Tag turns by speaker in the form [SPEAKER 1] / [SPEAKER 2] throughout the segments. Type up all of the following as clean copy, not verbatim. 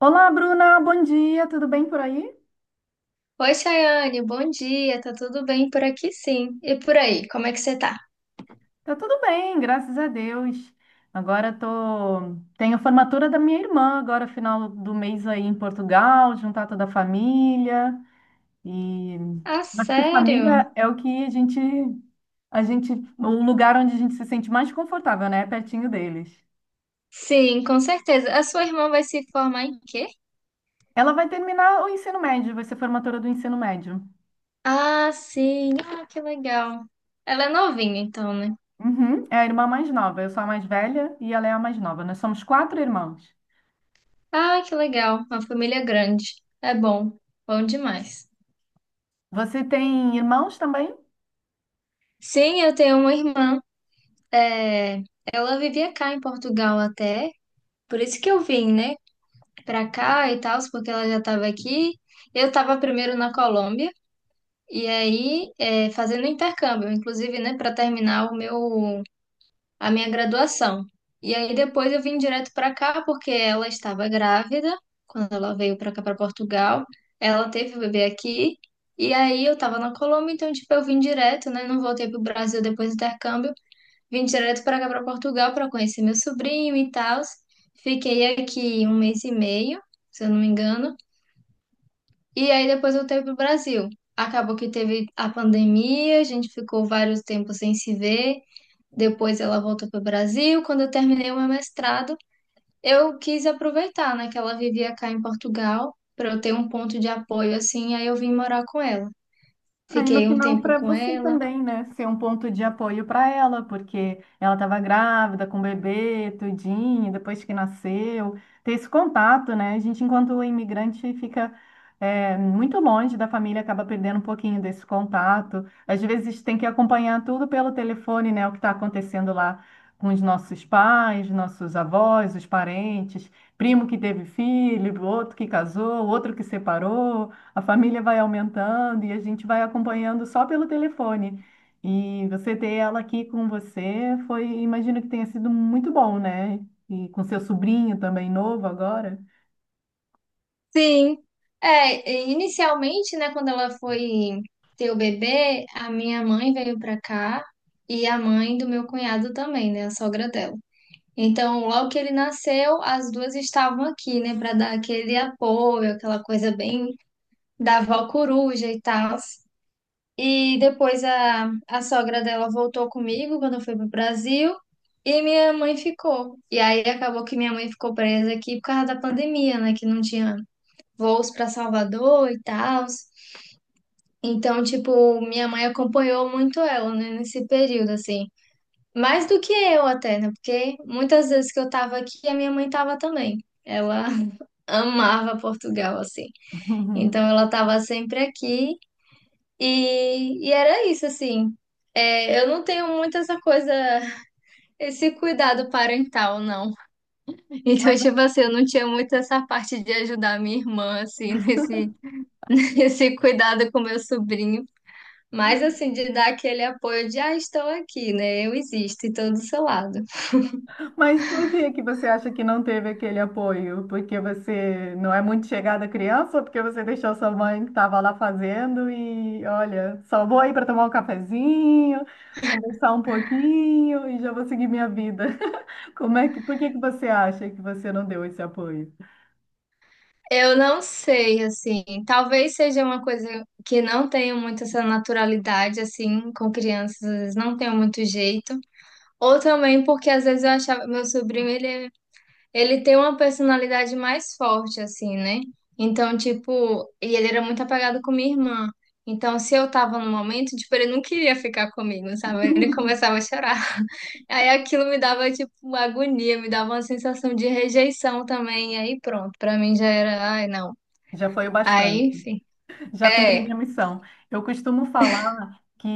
[SPEAKER 1] Olá, Bruna, bom dia, tudo bem por aí?
[SPEAKER 2] Oi, Chayane, bom dia. Tá tudo bem por aqui, sim. E por aí, como é que você tá?
[SPEAKER 1] Tá tudo bem, graças a Deus. Agora tenho a formatura da minha irmã, agora final do mês aí em Portugal, juntar toda a família e
[SPEAKER 2] Ah,
[SPEAKER 1] acho que
[SPEAKER 2] sério?
[SPEAKER 1] família é a gente o lugar onde a gente se sente mais confortável, né? Pertinho deles.
[SPEAKER 2] Sim, com certeza. A sua irmã vai se formar em quê?
[SPEAKER 1] Ela vai terminar o ensino médio, vai ser formatura do ensino médio.
[SPEAKER 2] Ah, sim. Ah, que legal. Ela é novinha, então, né?
[SPEAKER 1] Uhum, é a irmã mais nova, eu sou a mais velha e ela é a mais nova. Nós somos quatro irmãos.
[SPEAKER 2] Ah, que legal. Uma família grande. É bom. Bom demais.
[SPEAKER 1] Você tem irmãos também?
[SPEAKER 2] Sim, eu tenho uma irmã. É, ela vivia cá em Portugal até. Por isso que eu vim, né? Pra cá e tal, porque ela já tava aqui. Eu tava primeiro na Colômbia. E aí, é, fazendo intercâmbio, inclusive, né, para terminar o meu, a minha graduação. E aí depois eu vim direto para cá porque ela estava grávida quando ela veio para cá para Portugal. Ela teve o bebê aqui. E aí eu estava na Colômbia, então tipo eu vim direto, né, não voltei para o Brasil depois do intercâmbio, vim direto para cá para Portugal para conhecer meu sobrinho e tal. Fiquei aqui um mês e meio, se eu não me engano. E aí depois voltei pro Brasil. Acabou que teve a pandemia, a gente ficou vários tempos sem se ver. Depois ela voltou pro Brasil. Quando eu terminei o meu mestrado, eu quis aproveitar, né, que ela vivia cá em Portugal, para eu ter um ponto de apoio assim, aí eu vim morar com ela.
[SPEAKER 1] Aí no
[SPEAKER 2] Fiquei um
[SPEAKER 1] final
[SPEAKER 2] tempo
[SPEAKER 1] para
[SPEAKER 2] com
[SPEAKER 1] você
[SPEAKER 2] ela.
[SPEAKER 1] também, né? Ser um ponto de apoio para ela, porque ela estava grávida com o bebê, tudinho, depois que nasceu, ter esse contato, né? A gente, enquanto imigrante, fica muito longe da família, acaba perdendo um pouquinho desse contato. Às vezes tem que acompanhar tudo pelo telefone, né? O que está acontecendo lá com os nossos pais, nossos avós, os parentes, primo que teve filho, outro que casou, outro que separou. A família vai aumentando e a gente vai acompanhando só pelo telefone. E você ter ela aqui com você foi, imagino que tenha sido muito bom, né? E com seu sobrinho também novo agora.
[SPEAKER 2] Sim. É, e inicialmente, né, quando ela foi ter o bebê, a minha mãe veio pra cá e a mãe do meu cunhado também, né, a sogra dela. Então, logo que ele nasceu, as duas estavam aqui, né, para dar aquele apoio, aquela coisa bem da avó coruja e tal. E depois a sogra dela voltou comigo quando eu fui pro Brasil e minha mãe ficou. E aí acabou que minha mãe ficou presa aqui por causa da pandemia, né, que não tinha voos para Salvador e tal. Então, tipo, minha mãe acompanhou muito ela, né, nesse período, assim. Mais do que eu até, né? Porque muitas vezes que eu tava aqui, a minha mãe tava também. Ela amava Portugal, assim. Então ela tava sempre aqui e era isso, assim. É, eu não tenho muito essa coisa, esse cuidado parental, não. Então,
[SPEAKER 1] Mas,
[SPEAKER 2] tipo assim, eu não tinha muito essa parte de ajudar minha irmã, assim, nesse, nesse cuidado com meu sobrinho. Mas, assim, de dar aquele apoio de, ah, estou aqui, né? Eu existo e estou do seu lado.
[SPEAKER 1] mas por que que você acha que não teve aquele apoio? Porque você não é muito chegada à criança, ou porque você deixou sua mãe que estava lá fazendo e, olha, só vou aí para tomar um cafezinho, conversar um pouquinho e já vou seguir minha vida. Como é que, por que que você acha que você não deu esse apoio?
[SPEAKER 2] Eu não sei, assim, talvez seja uma coisa que não tenho muito essa naturalidade, assim, com crianças, às vezes não tenho muito jeito. Ou também porque às vezes eu achava, meu sobrinho, ele tem uma personalidade mais forte, assim, né? Então, tipo, e ele era muito apegado com minha irmã. Então, se eu tava no momento, tipo, ele não queria ficar comigo, sabe? Ele começava a chorar. Aí aquilo me dava, tipo, uma agonia, me dava uma sensação de rejeição também. E aí pronto, pra mim já era, ai, não.
[SPEAKER 1] Já foi o
[SPEAKER 2] Aí,
[SPEAKER 1] bastante.
[SPEAKER 2] enfim.
[SPEAKER 1] Já cumpri
[SPEAKER 2] É,
[SPEAKER 1] minha missão. Eu costumo falar que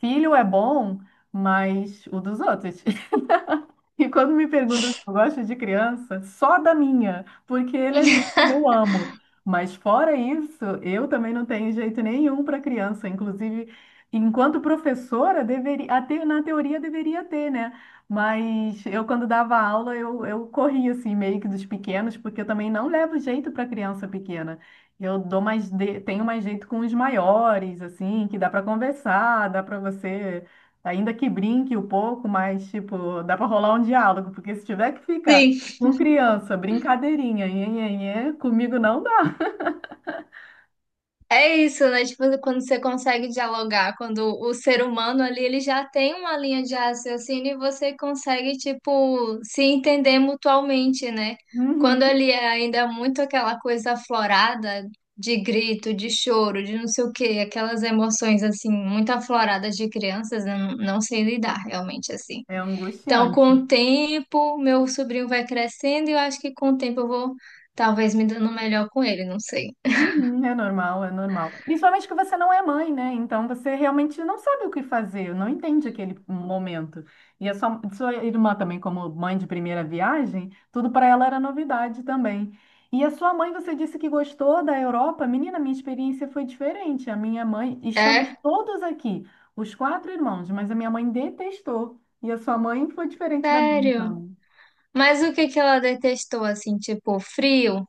[SPEAKER 1] filho é bom, mas o dos outros. E quando me perguntam se eu gosto de criança, só da minha, porque ele é minha e eu amo. Mas fora isso, eu também não tenho jeito nenhum para criança. Inclusive, enquanto professora, deveria, até na teoria deveria ter, né? Mas eu, quando dava aula, eu corria assim, meio que dos pequenos, porque eu também não levo jeito para criança pequena. Eu dou tenho mais jeito com os maiores, assim, que dá para conversar, dá para você ainda que brinque um pouco, mas, tipo, dá pra rolar um diálogo, porque se tiver que ficar
[SPEAKER 2] sim.
[SPEAKER 1] com criança, brincadeirinha, nhenhenhê, comigo não dá.
[SPEAKER 2] É isso, né? Tipo, quando você consegue dialogar, quando o ser humano ali, ele já tem uma linha de raciocínio e você consegue, tipo, se entender mutualmente, né? Quando
[SPEAKER 1] Uhum.
[SPEAKER 2] ali é ainda muito aquela coisa aflorada de grito, de choro, de não sei o quê, aquelas emoções, assim, muito afloradas de crianças, eu não sei lidar realmente, assim.
[SPEAKER 1] É
[SPEAKER 2] Então, com
[SPEAKER 1] angustiante.
[SPEAKER 2] o tempo, meu sobrinho vai crescendo e eu acho que com o tempo eu vou talvez me dando melhor com ele, não sei.
[SPEAKER 1] Uhum, é normal, é normal. Principalmente que você não é mãe, né? Então você realmente não sabe o que fazer, não entende aquele momento. E a sua, sua irmã também, como mãe de primeira viagem, tudo para ela era novidade também. E a sua mãe, você disse que gostou da Europa. Menina, minha experiência foi diferente. A minha mãe,
[SPEAKER 2] É?
[SPEAKER 1] estamos todos aqui, os quatro irmãos, mas a minha mãe detestou. E a sua mãe foi diferente da minha,
[SPEAKER 2] Sério?
[SPEAKER 1] então.
[SPEAKER 2] Mas o que que ela detestou, assim, tipo, frio?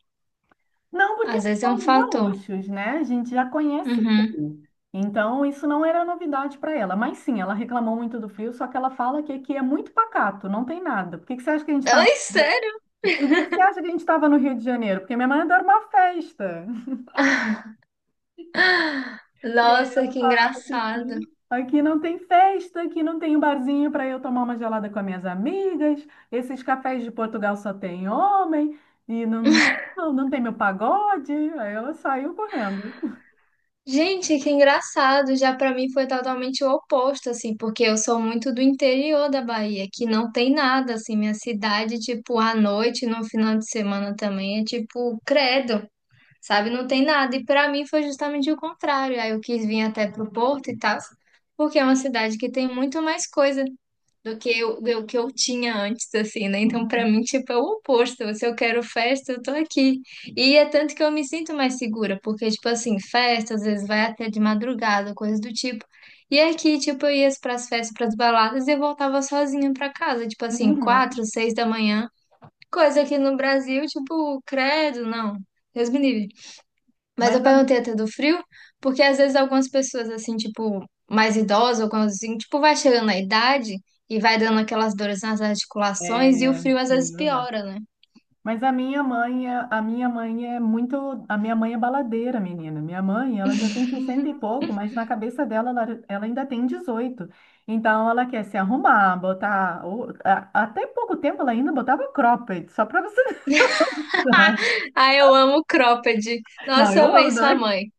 [SPEAKER 1] Não, porque
[SPEAKER 2] Às
[SPEAKER 1] nós
[SPEAKER 2] vezes é um
[SPEAKER 1] somos
[SPEAKER 2] fator.
[SPEAKER 1] gaúchos, né? A gente já conhece
[SPEAKER 2] Uhum.
[SPEAKER 1] bem. Então, isso não era novidade para ela. Mas sim, ela reclamou muito do frio, só que ela fala que aqui é muito pacato, não tem nada. Por que que você acha que a gente está...
[SPEAKER 2] Ai, sério?
[SPEAKER 1] Por que que você acha que a gente estava no Rio de Janeiro? Porque minha mãe adora uma festa. E aí
[SPEAKER 2] Nossa,
[SPEAKER 1] ela
[SPEAKER 2] que
[SPEAKER 1] falava que
[SPEAKER 2] engraçado.
[SPEAKER 1] aqui, aqui não tem festa, aqui não tem um barzinho para eu tomar uma gelada com as minhas amigas. Esses cafés de Portugal só tem homem. E não, não, não tem meu pagode. Aí ela saiu correndo.
[SPEAKER 2] Gente, que engraçado. Já pra mim foi totalmente o oposto, assim, porque eu sou muito do interior da Bahia, que não tem nada, assim, minha cidade, tipo, à noite, no final de semana também, é tipo, credo. Sabe? Não tem nada. E para mim foi justamente o contrário. Aí eu quis vir até pro Porto e tal, porque é uma cidade que tem muito mais coisa do que eu tinha antes, assim, né? Então, para mim, tipo, é o oposto. Se eu quero festa, eu tô aqui. E é tanto que eu me sinto mais segura, porque, tipo assim, festa às vezes vai até de madrugada, coisas do tipo. E aqui, tipo, eu ia pras festas, pras baladas e eu voltava sozinha pra casa, tipo assim, quatro,
[SPEAKER 1] Uhum.
[SPEAKER 2] seis da manhã. Coisa que no Brasil, tipo, credo, não. Deus me livre. Mas eu
[SPEAKER 1] Mas a,
[SPEAKER 2] perguntei até do frio, porque às vezes algumas pessoas, assim, tipo, mais idosas ou quando, assim, tipo, vai chegando na idade e vai dando aquelas dores nas articulações e o
[SPEAKER 1] é
[SPEAKER 2] frio às vezes
[SPEAKER 1] verdade.
[SPEAKER 2] piora, né?
[SPEAKER 1] Mas a minha mãe, a minha mãe é baladeira, menina. Minha mãe, ela já tem 60 e pouco, mas na cabeça dela ela ainda tem 18. Então ela quer se arrumar, botar, até pouco tempo ela ainda botava cropped, só para você ver.
[SPEAKER 2] Ah, eu amo cropped.
[SPEAKER 1] Não,
[SPEAKER 2] Nossa, eu
[SPEAKER 1] eu
[SPEAKER 2] amei
[SPEAKER 1] amo
[SPEAKER 2] sua
[SPEAKER 1] também.
[SPEAKER 2] mãe.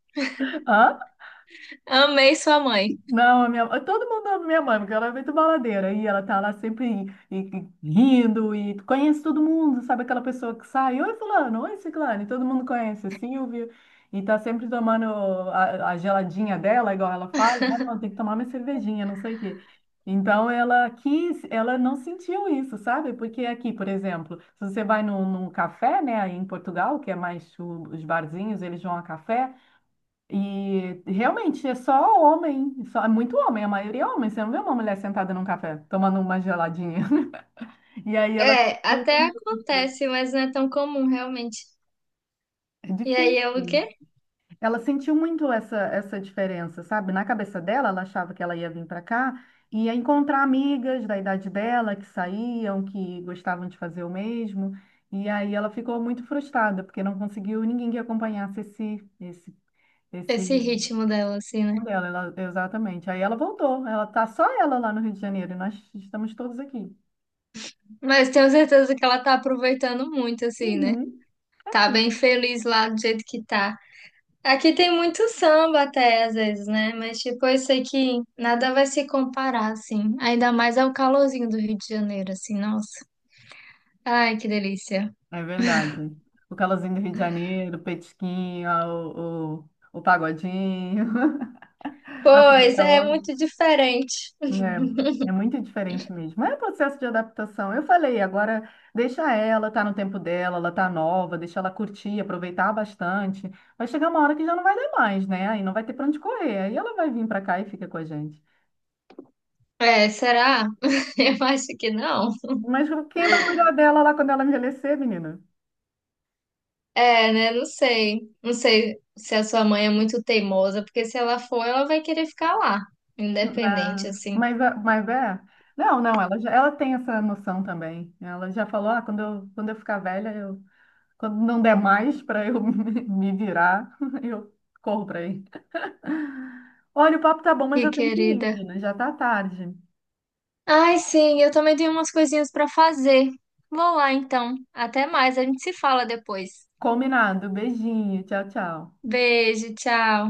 [SPEAKER 2] Amei sua mãe.
[SPEAKER 1] Não, a minha, todo mundo ama minha mãe, porque ela é muito baladeira. E ela tá lá sempre e rindo e conhece todo mundo, sabe aquela pessoa que sai, oi fulano, oi ciclano, e todo mundo conhece, é Silvio. E tá sempre tomando a geladinha dela, igual ela fala, ah, não, tem que tomar minha cervejinha, não sei o quê. Então ela quis, ela não sentiu isso, sabe? Porque aqui, por exemplo, se você vai num café, né, aí em Portugal, que é mais os barzinhos, eles vão a café. E realmente é só homem, só, é muito homem, a maioria é homem. Você não vê uma mulher sentada num café tomando uma geladinha. E aí ela
[SPEAKER 2] É,
[SPEAKER 1] sentiu
[SPEAKER 2] até
[SPEAKER 1] muito.
[SPEAKER 2] acontece, mas não é tão comum, realmente.
[SPEAKER 1] É
[SPEAKER 2] E aí é o
[SPEAKER 1] difícil.
[SPEAKER 2] quê?
[SPEAKER 1] Ela sentiu muito essa diferença, sabe? Na cabeça dela, ela achava que ela ia vir para cá e ia encontrar amigas da idade dela que saíam, que gostavam de fazer o mesmo. E aí ela ficou muito frustrada, porque não conseguiu ninguém que acompanhasse esse
[SPEAKER 2] Esse ritmo dela, assim, né?
[SPEAKER 1] dela, exatamente. Aí ela voltou. Ela tá só ela lá no Rio de Janeiro e nós estamos todos aqui.
[SPEAKER 2] Mas tenho certeza que ela tá aproveitando muito, assim, né?
[SPEAKER 1] Uhum.
[SPEAKER 2] Tá bem feliz lá do jeito que tá. Aqui tem muito samba até, às vezes, né? Mas, tipo, eu sei que nada vai se comparar, assim. Ainda mais ao calorzinho do Rio de Janeiro, assim, nossa. Ai, que delícia.
[SPEAKER 1] É verdade. O calorzinho do Rio de Janeiro, o petisquinho, o pagodinho, a
[SPEAKER 2] Pois,
[SPEAKER 1] comida
[SPEAKER 2] é
[SPEAKER 1] hora.
[SPEAKER 2] muito diferente.
[SPEAKER 1] É muito diferente mesmo. Mas é processo de adaptação. Eu falei, agora deixa ela, tá no tempo dela, ela tá nova, deixa ela curtir, aproveitar bastante. Vai chegar uma hora que já não vai dar mais, né? Aí não vai ter pra onde correr. Aí ela vai vir pra cá e fica com a gente.
[SPEAKER 2] É, será? Eu acho que não.
[SPEAKER 1] Mas quem vai cuidar dela lá quando ela envelhecer, menina?
[SPEAKER 2] É, né? Não sei. Não sei se a sua mãe é muito teimosa, porque se ela for, ela vai querer ficar lá, independente,
[SPEAKER 1] Não,
[SPEAKER 2] assim.
[SPEAKER 1] mas, mas é. Não, não, ela, já, ela tem essa noção também. Ela já falou: ah, quando eu, ficar velha, quando não der mais para eu me virar, eu corro para aí. Olha, o papo tá bom, mas
[SPEAKER 2] Que
[SPEAKER 1] eu tenho que ir,
[SPEAKER 2] querida.
[SPEAKER 1] menina. Já tá tarde.
[SPEAKER 2] Ai, sim, eu também tenho umas coisinhas para fazer. Vou lá então. Até mais, a gente se fala depois.
[SPEAKER 1] Combinado. Beijinho. Tchau, tchau.
[SPEAKER 2] Beijo, tchau.